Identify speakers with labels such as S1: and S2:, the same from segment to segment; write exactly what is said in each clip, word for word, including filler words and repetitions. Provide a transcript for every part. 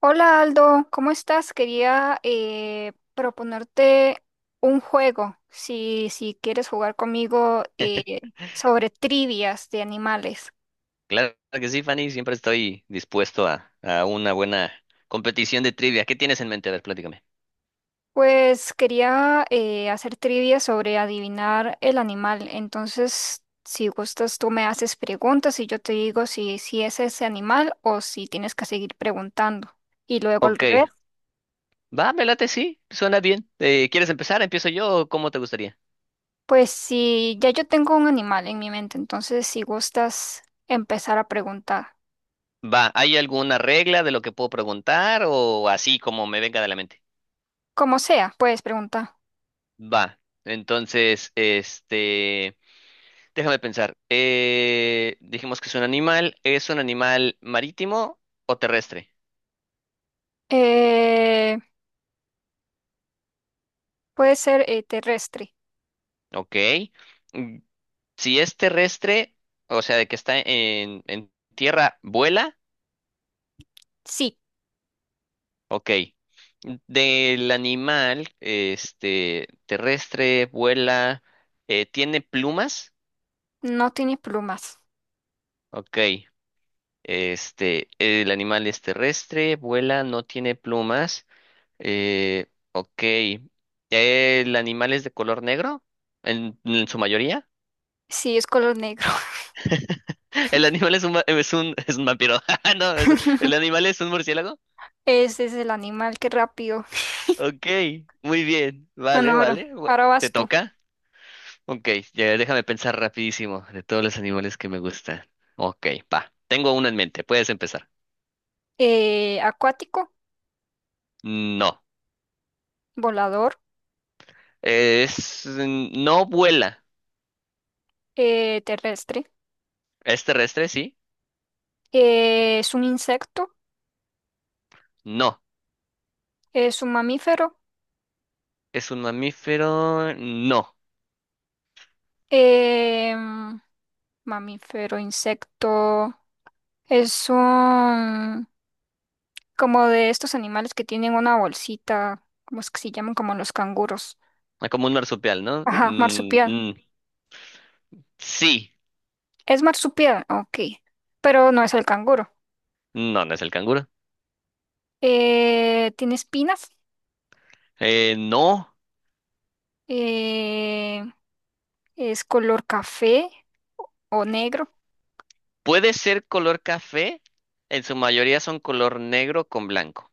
S1: Hola Aldo, ¿cómo estás? Quería eh, proponerte un juego, si, si quieres jugar conmigo eh, sobre trivias de animales.
S2: Claro que sí, Fanny, siempre estoy dispuesto a, a una buena competición de trivia. ¿Qué tienes en mente? A ver, platícame.
S1: Pues quería eh, hacer trivias sobre adivinar el animal. Entonces, si gustas, tú me haces preguntas y yo te digo si, si es ese animal o si tienes que seguir preguntando. Y luego al
S2: Ok,
S1: revés.
S2: va, me late, sí, suena bien. Eh, ¿quieres empezar? ¿Empiezo yo o cómo te gustaría?
S1: Pues si ya yo tengo un animal en mi mente, entonces si gustas empezar a preguntar.
S2: Va, ¿hay alguna regla de lo que puedo preguntar o así como me venga de la mente?
S1: Como sea, puedes preguntar.
S2: Va, entonces, este, déjame pensar. Eh, dijimos que es un animal, ¿es un animal marítimo o terrestre?
S1: Eh, Puede ser eh, terrestre.
S2: Ok. Si es terrestre, o sea, de que está en, en tierra, vuela,
S1: Sí,
S2: ok. Del animal, este, terrestre, vuela, eh, tiene plumas,
S1: no tiene plumas.
S2: ok. Este, el animal es terrestre, vuela, no tiene plumas, eh, ok. ¿El animal es de color negro? ¿En, en su mayoría?
S1: Sí, es color negro.
S2: ¿El animal es un, ma- es un, es un vampiro? No, es- ¿el animal es un murciélago?
S1: Ese es el animal, qué rápido.
S2: Ok, muy bien.
S1: Bueno,
S2: Vale,
S1: ahora,
S2: vale. bu-
S1: ahora
S2: ¿Te
S1: vas tú.
S2: toca? Ok, ya déjame pensar rapidísimo de todos los animales que me gustan. Ok, va. Tengo uno en mente. Puedes empezar.
S1: Eh, acuático,
S2: No.
S1: volador,
S2: Es... mm, no vuela.
S1: eh, terrestre.
S2: ¿Es terrestre? Sí.
S1: Eh, es un insecto,
S2: No.
S1: es un mamífero.
S2: ¿Es un mamífero? No.
S1: em, Mamífero, insecto. Es un... como de estos animales que tienen una bolsita, ¿cómo es que se llaman? Como los canguros.
S2: Ah, como un marsupial, ¿no?
S1: Ajá,
S2: Mm,
S1: marsupial.
S2: mm, sí.
S1: Es marsupial, ok. Pero no es el canguro.
S2: No, no es el canguro.
S1: Eh, tiene espinas.
S2: Eh, no.
S1: eh, es color café o negro.
S2: Puede ser color café. En su mayoría son color negro con blanco.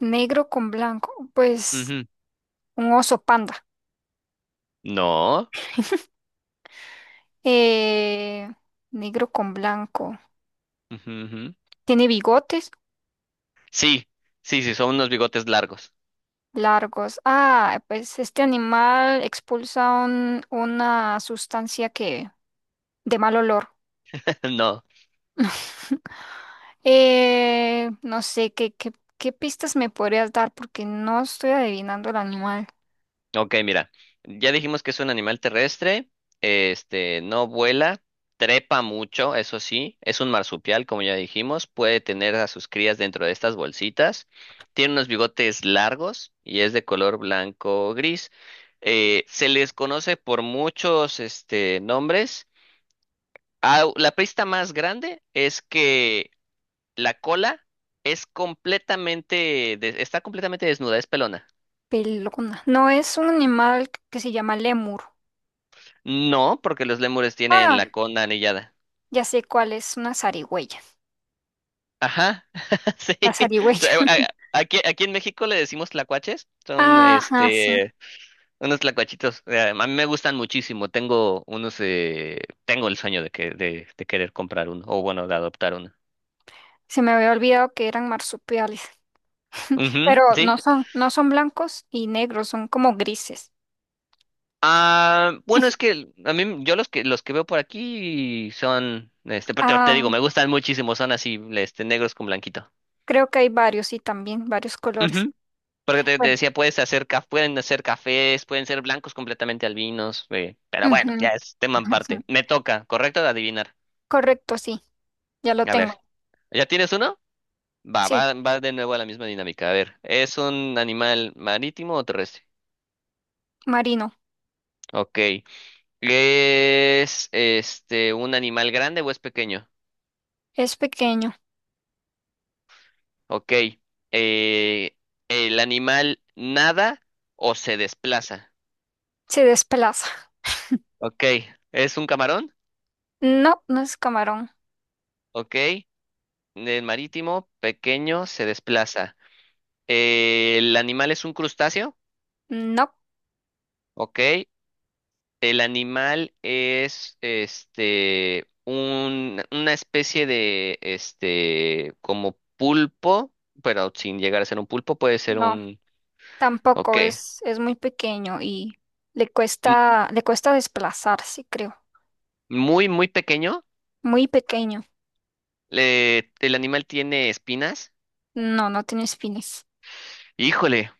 S1: Negro con blanco. Pues
S2: Ujú.
S1: un oso panda.
S2: No.
S1: Eh, negro con blanco.
S2: Ujú, ujú.
S1: Tiene bigotes
S2: Sí, sí, sí, son unos bigotes largos.
S1: largos. Ah, pues este animal expulsa un- una sustancia que de mal olor.
S2: No.
S1: Eh, no sé, ¿qué, qué, qué pistas me podrías dar? Porque no estoy adivinando el animal.
S2: Ok, mira. Ya dijimos que es un animal terrestre. Este, no vuela, trepa mucho, eso sí. Es un marsupial, como ya dijimos. Puede tener a sus crías dentro de estas bolsitas. Tiene unos bigotes largos y es de color blanco o gris. Eh, se les conoce por muchos, este, nombres. Au- la pista más grande es que la cola es completamente, de- está completamente desnuda, es pelona.
S1: Pelona. No es un animal que se llama lémur.
S2: No, porque los lémures tienen
S1: Ah,
S2: la
S1: sí,
S2: cola anillada.
S1: ya sé cuál es, una zarigüeya.
S2: Ajá, sí.
S1: La
S2: O
S1: zarigüeya.
S2: sea, a- a- aquí, aquí en México le decimos tlacuaches, son
S1: Ajá, sí.
S2: este, unos tlacuachitos. eh, A mí me gustan muchísimo, tengo unos, eh, tengo el sueño de que, de, de querer comprar uno, o bueno, de adoptar uno.
S1: Se me había olvidado que eran marsupiales.
S2: Ujú,
S1: Pero
S2: sí.
S1: no son, no son blancos y negros, son como grises.
S2: Ah, bueno, es que a mí, yo los que los que veo por aquí son, este, pero te, te digo,
S1: Ah,
S2: me gustan muchísimo, son así, este, negros con blanquito.
S1: creo que hay varios y también varios colores.
S2: Ujú. Porque te, te
S1: Bueno,
S2: decía, puedes hacer caf- pueden hacer cafés, pueden ser blancos completamente albinos, eh, pero
S1: ujú,
S2: bueno, ya es tema
S1: ajá, sí.
S2: aparte. Me toca, correcto, de adivinar.
S1: Correcto, sí, ya lo
S2: A ver,
S1: tengo.
S2: ¿ya tienes uno? Va,
S1: Sí.
S2: va, va de nuevo a la misma dinámica. A ver, ¿es un animal marítimo o terrestre?
S1: Marino.
S2: Ok. ¿Es este un animal grande o es pequeño?
S1: Es pequeño.
S2: Ok. eh, ¿El animal nada o se desplaza?
S1: Se desplaza.
S2: Ok. ¿Es un camarón?
S1: No, no es camarón.
S2: Ok. ¿El marítimo, pequeño, se desplaza. Eh, ¿el animal es un crustáceo?
S1: No,
S2: Ok. ¿El animal es este un, una especie de este como pulpo, pero sin llegar a ser un pulpo, puede ser
S1: no.
S2: un. Ok.
S1: Tampoco es, es muy pequeño y le
S2: mu-
S1: cuesta, le cuesta desplazarse, creo.
S2: Muy, muy pequeño.
S1: Muy pequeño.
S2: Le- ¿el animal tiene espinas?
S1: No, no tiene espinas.
S2: Híjole,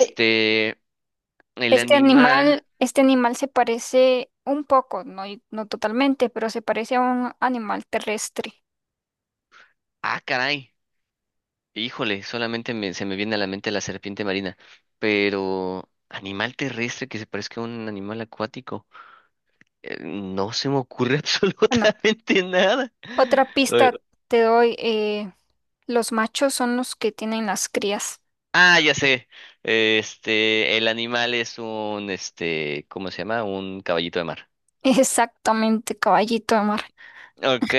S1: E- sí.
S2: el
S1: Este
S2: animal,
S1: animal, este animal se parece un poco, no, y- no totalmente, pero se parece a un animal terrestre.
S2: ah, caray, híjole, solamente me- se me viene a la mente la serpiente marina, pero animal terrestre que se parezca a un animal acuático, eh, no se me ocurre
S1: Bueno,
S2: absolutamente nada.
S1: otra
S2: Eh,
S1: pista te doy. Eh, los machos son los que tienen las crías.
S2: Ah, ya sé, este, el animal es un, este, ¿cómo se llama? Un caballito de mar.
S1: Exactamente, caballito de mar.
S2: Ok.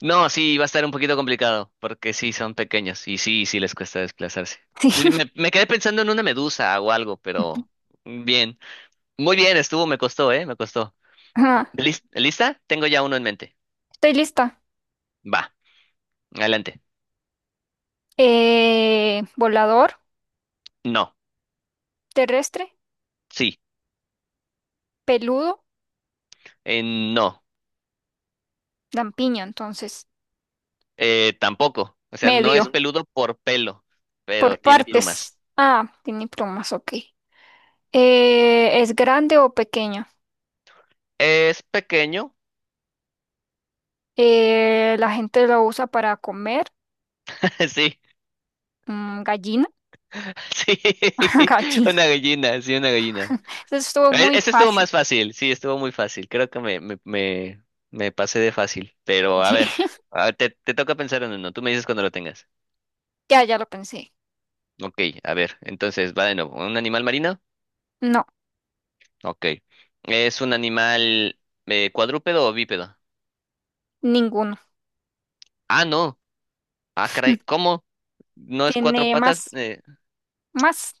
S2: No, sí, va a estar un poquito complicado, porque sí, son pequeños y sí, sí les cuesta desplazarse. Uy, Me, me quedé pensando en una medusa o algo, pero bien. Muy bien, estuvo, me costó, ¿eh? Me costó.
S1: Ajá,
S2: ¿Lis- ¿Lista? Tengo ya uno en mente.
S1: estoy lista.
S2: Va, adelante.
S1: Eh, volador,
S2: No,
S1: terrestre,
S2: sí,
S1: peludo,
S2: eh, no,
S1: lampiño, entonces,
S2: eh, tampoco. O sea, no
S1: medio,
S2: es
S1: peludo,
S2: peludo por pelo, pero
S1: por
S2: tiene plumas.
S1: partes. Ah, tiene plumas, ok. Eh, ¿es grande o pequeño?
S2: ¿Es pequeño?
S1: Eh, la gente lo usa para comer.
S2: Sí,
S1: Mm, gallina,
S2: sí,
S1: gallina.
S2: una gallina, sí, una gallina.
S1: Eso estuvo
S2: E-
S1: muy
S2: Ese estuvo más
S1: fácil.
S2: fácil, sí, estuvo muy fácil. Creo que me, me, me, me pasé de fácil. Pero a ver, a- te, te toca pensar en uno. Tú me dices cuando lo tengas.
S1: Ya, ya lo pensé.
S2: Ok, a ver, entonces va de nuevo. ¿Un animal marino?
S1: No,
S2: Ok. ¿Es un animal eh, cuadrúpedo o bípedo?
S1: ninguno.
S2: Ah, no. Ah, caray, ¿cómo? ¿No es cuatro
S1: ¿Tiene
S2: patas?
S1: más?
S2: Eh,
S1: ¿Más?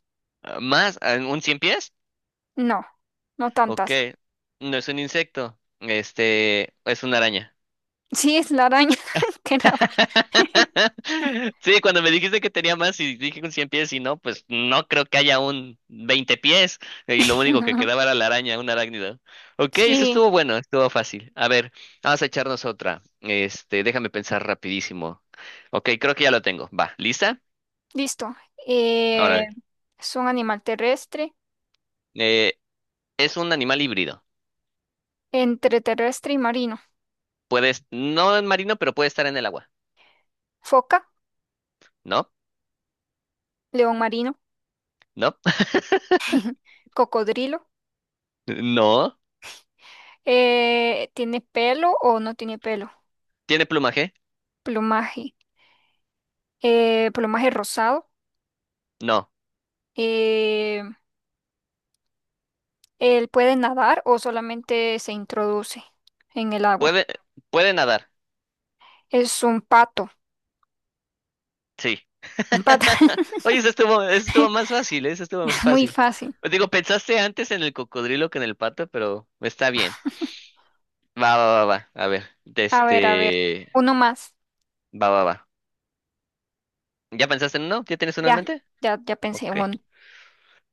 S2: ¿más? Ah, ¿un cien pies?
S1: No, no
S2: Ok.
S1: tantas.
S2: No es un insecto. Este, es una araña.
S1: Sí, es la araña. Qué rápido.
S2: Sí, cuando me dijiste que tenía más y dije con cien pies y no, pues no creo que haya un veinte pies y lo único que quedaba era la araña, un arácnido. Ok, eso
S1: Sí.
S2: estuvo bueno, estuvo fácil. A ver, vamos a echarnos otra. Este, déjame pensar rapidísimo. Ok, creo que ya lo tengo. Va, ¿lista?
S1: Listo. Eh,
S2: Órale.
S1: es un animal terrestre,
S2: Eh, es un animal híbrido.
S1: entre terrestre y marino.
S2: Puedes, no en marino, pero puede estar en el agua.
S1: Foca,
S2: ¿No?
S1: león marino,
S2: ¿No?
S1: cocodrilo.
S2: ¿No?
S1: Eh, ¿tiene pelo o no tiene pelo?
S2: ¿Tiene plumaje?
S1: Plumaje. Eh, plumaje rosado.
S2: No.
S1: Eh, ¿él puede nadar o solamente se introduce en el agua?
S2: ¿Puede, puede nadar?
S1: Es un pato.
S2: Sí.
S1: Un pato.
S2: Oye, eso estuvo, eso estuvo más fácil, ¿eh? Eso estuvo más
S1: Muy
S2: fácil.
S1: fácil.
S2: Pues digo, pensaste antes en el cocodrilo que en el pato, pero está bien. Va, va, va, va. A ver, de
S1: A ver, a ver.
S2: este...
S1: Uno más.
S2: Va, va, va. ¿Ya pensaste en uno? ¿Ya tienes uno en
S1: Ya,
S2: mente?
S1: ya, ya pensé
S2: Ok.
S1: en uno.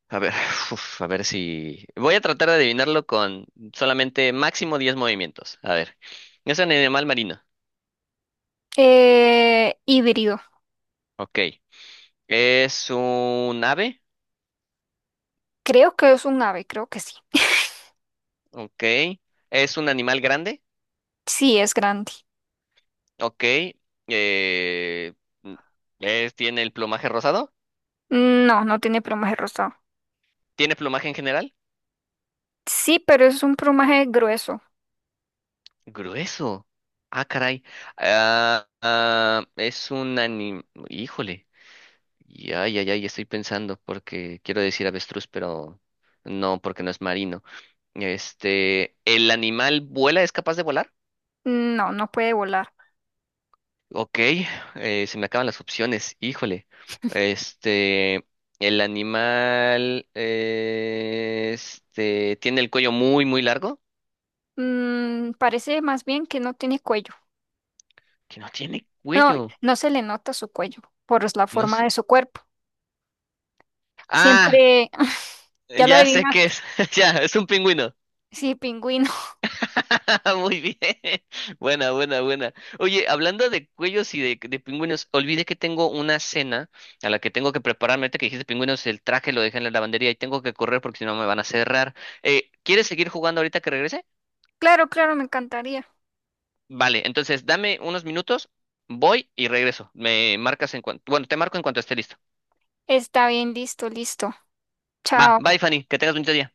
S2: A ver, uf, a ver si... voy a tratar de adivinarlo con solamente máximo diez movimientos. A ver. Es un animal marino.
S1: Eh, híbrido.
S2: Ok. ¿Es un ave?
S1: Creo que es un ave, creo que sí.
S2: Ok. ¿Es un animal grande?
S1: Sí, es grande.
S2: Ok. eh, mm, es- ¿tiene el plumaje rosado?
S1: No, no tiene plumaje rosado.
S2: ¿Tiene plumaje en general?
S1: Sí, pero es un plumaje grueso.
S2: Grueso. Ah, caray. Ah, ah, es un anim... híjole. Ya, ya, ya, ya estoy pensando porque quiero decir avestruz, pero no, porque no es marino. Este, ¿el animal vuela? ¿Es capaz de volar?
S1: No, no puede volar.
S2: Ok, eh, se me acaban las opciones, híjole. Este, el animal, eh, este, tiene el cuello muy, muy largo.
S1: Mm, parece más bien que no tiene cuello.
S2: Que no tiene
S1: No,
S2: cuello,
S1: no se le nota su cuello por la
S2: no
S1: forma
S2: sé.
S1: de su cuerpo.
S2: Ah,
S1: Siempre, ya lo
S2: ya sé
S1: adivinaste.
S2: qué es, ya, es un pingüino.
S1: Sí, pingüino.
S2: Muy bien, buena, buena, buena. Oye, hablando de cuellos y de, de pingüinos, olvidé que tengo una cena a la que tengo que prepararme. Ahorita que dijiste pingüinos, el traje lo dejé en la lavandería y tengo que correr porque si no me van a cerrar. Eh, ¿quieres seguir jugando ahorita que regrese?
S1: Claro, claro, me encantaría.
S2: Vale, entonces dame unos minutos, voy y regreso. Me marcas en cuanto, bueno, te marco en cuanto esté listo.
S1: Está bien, listo, listo.
S2: Va,
S1: Chao.
S2: bye Fanny, que tengas un bonito día.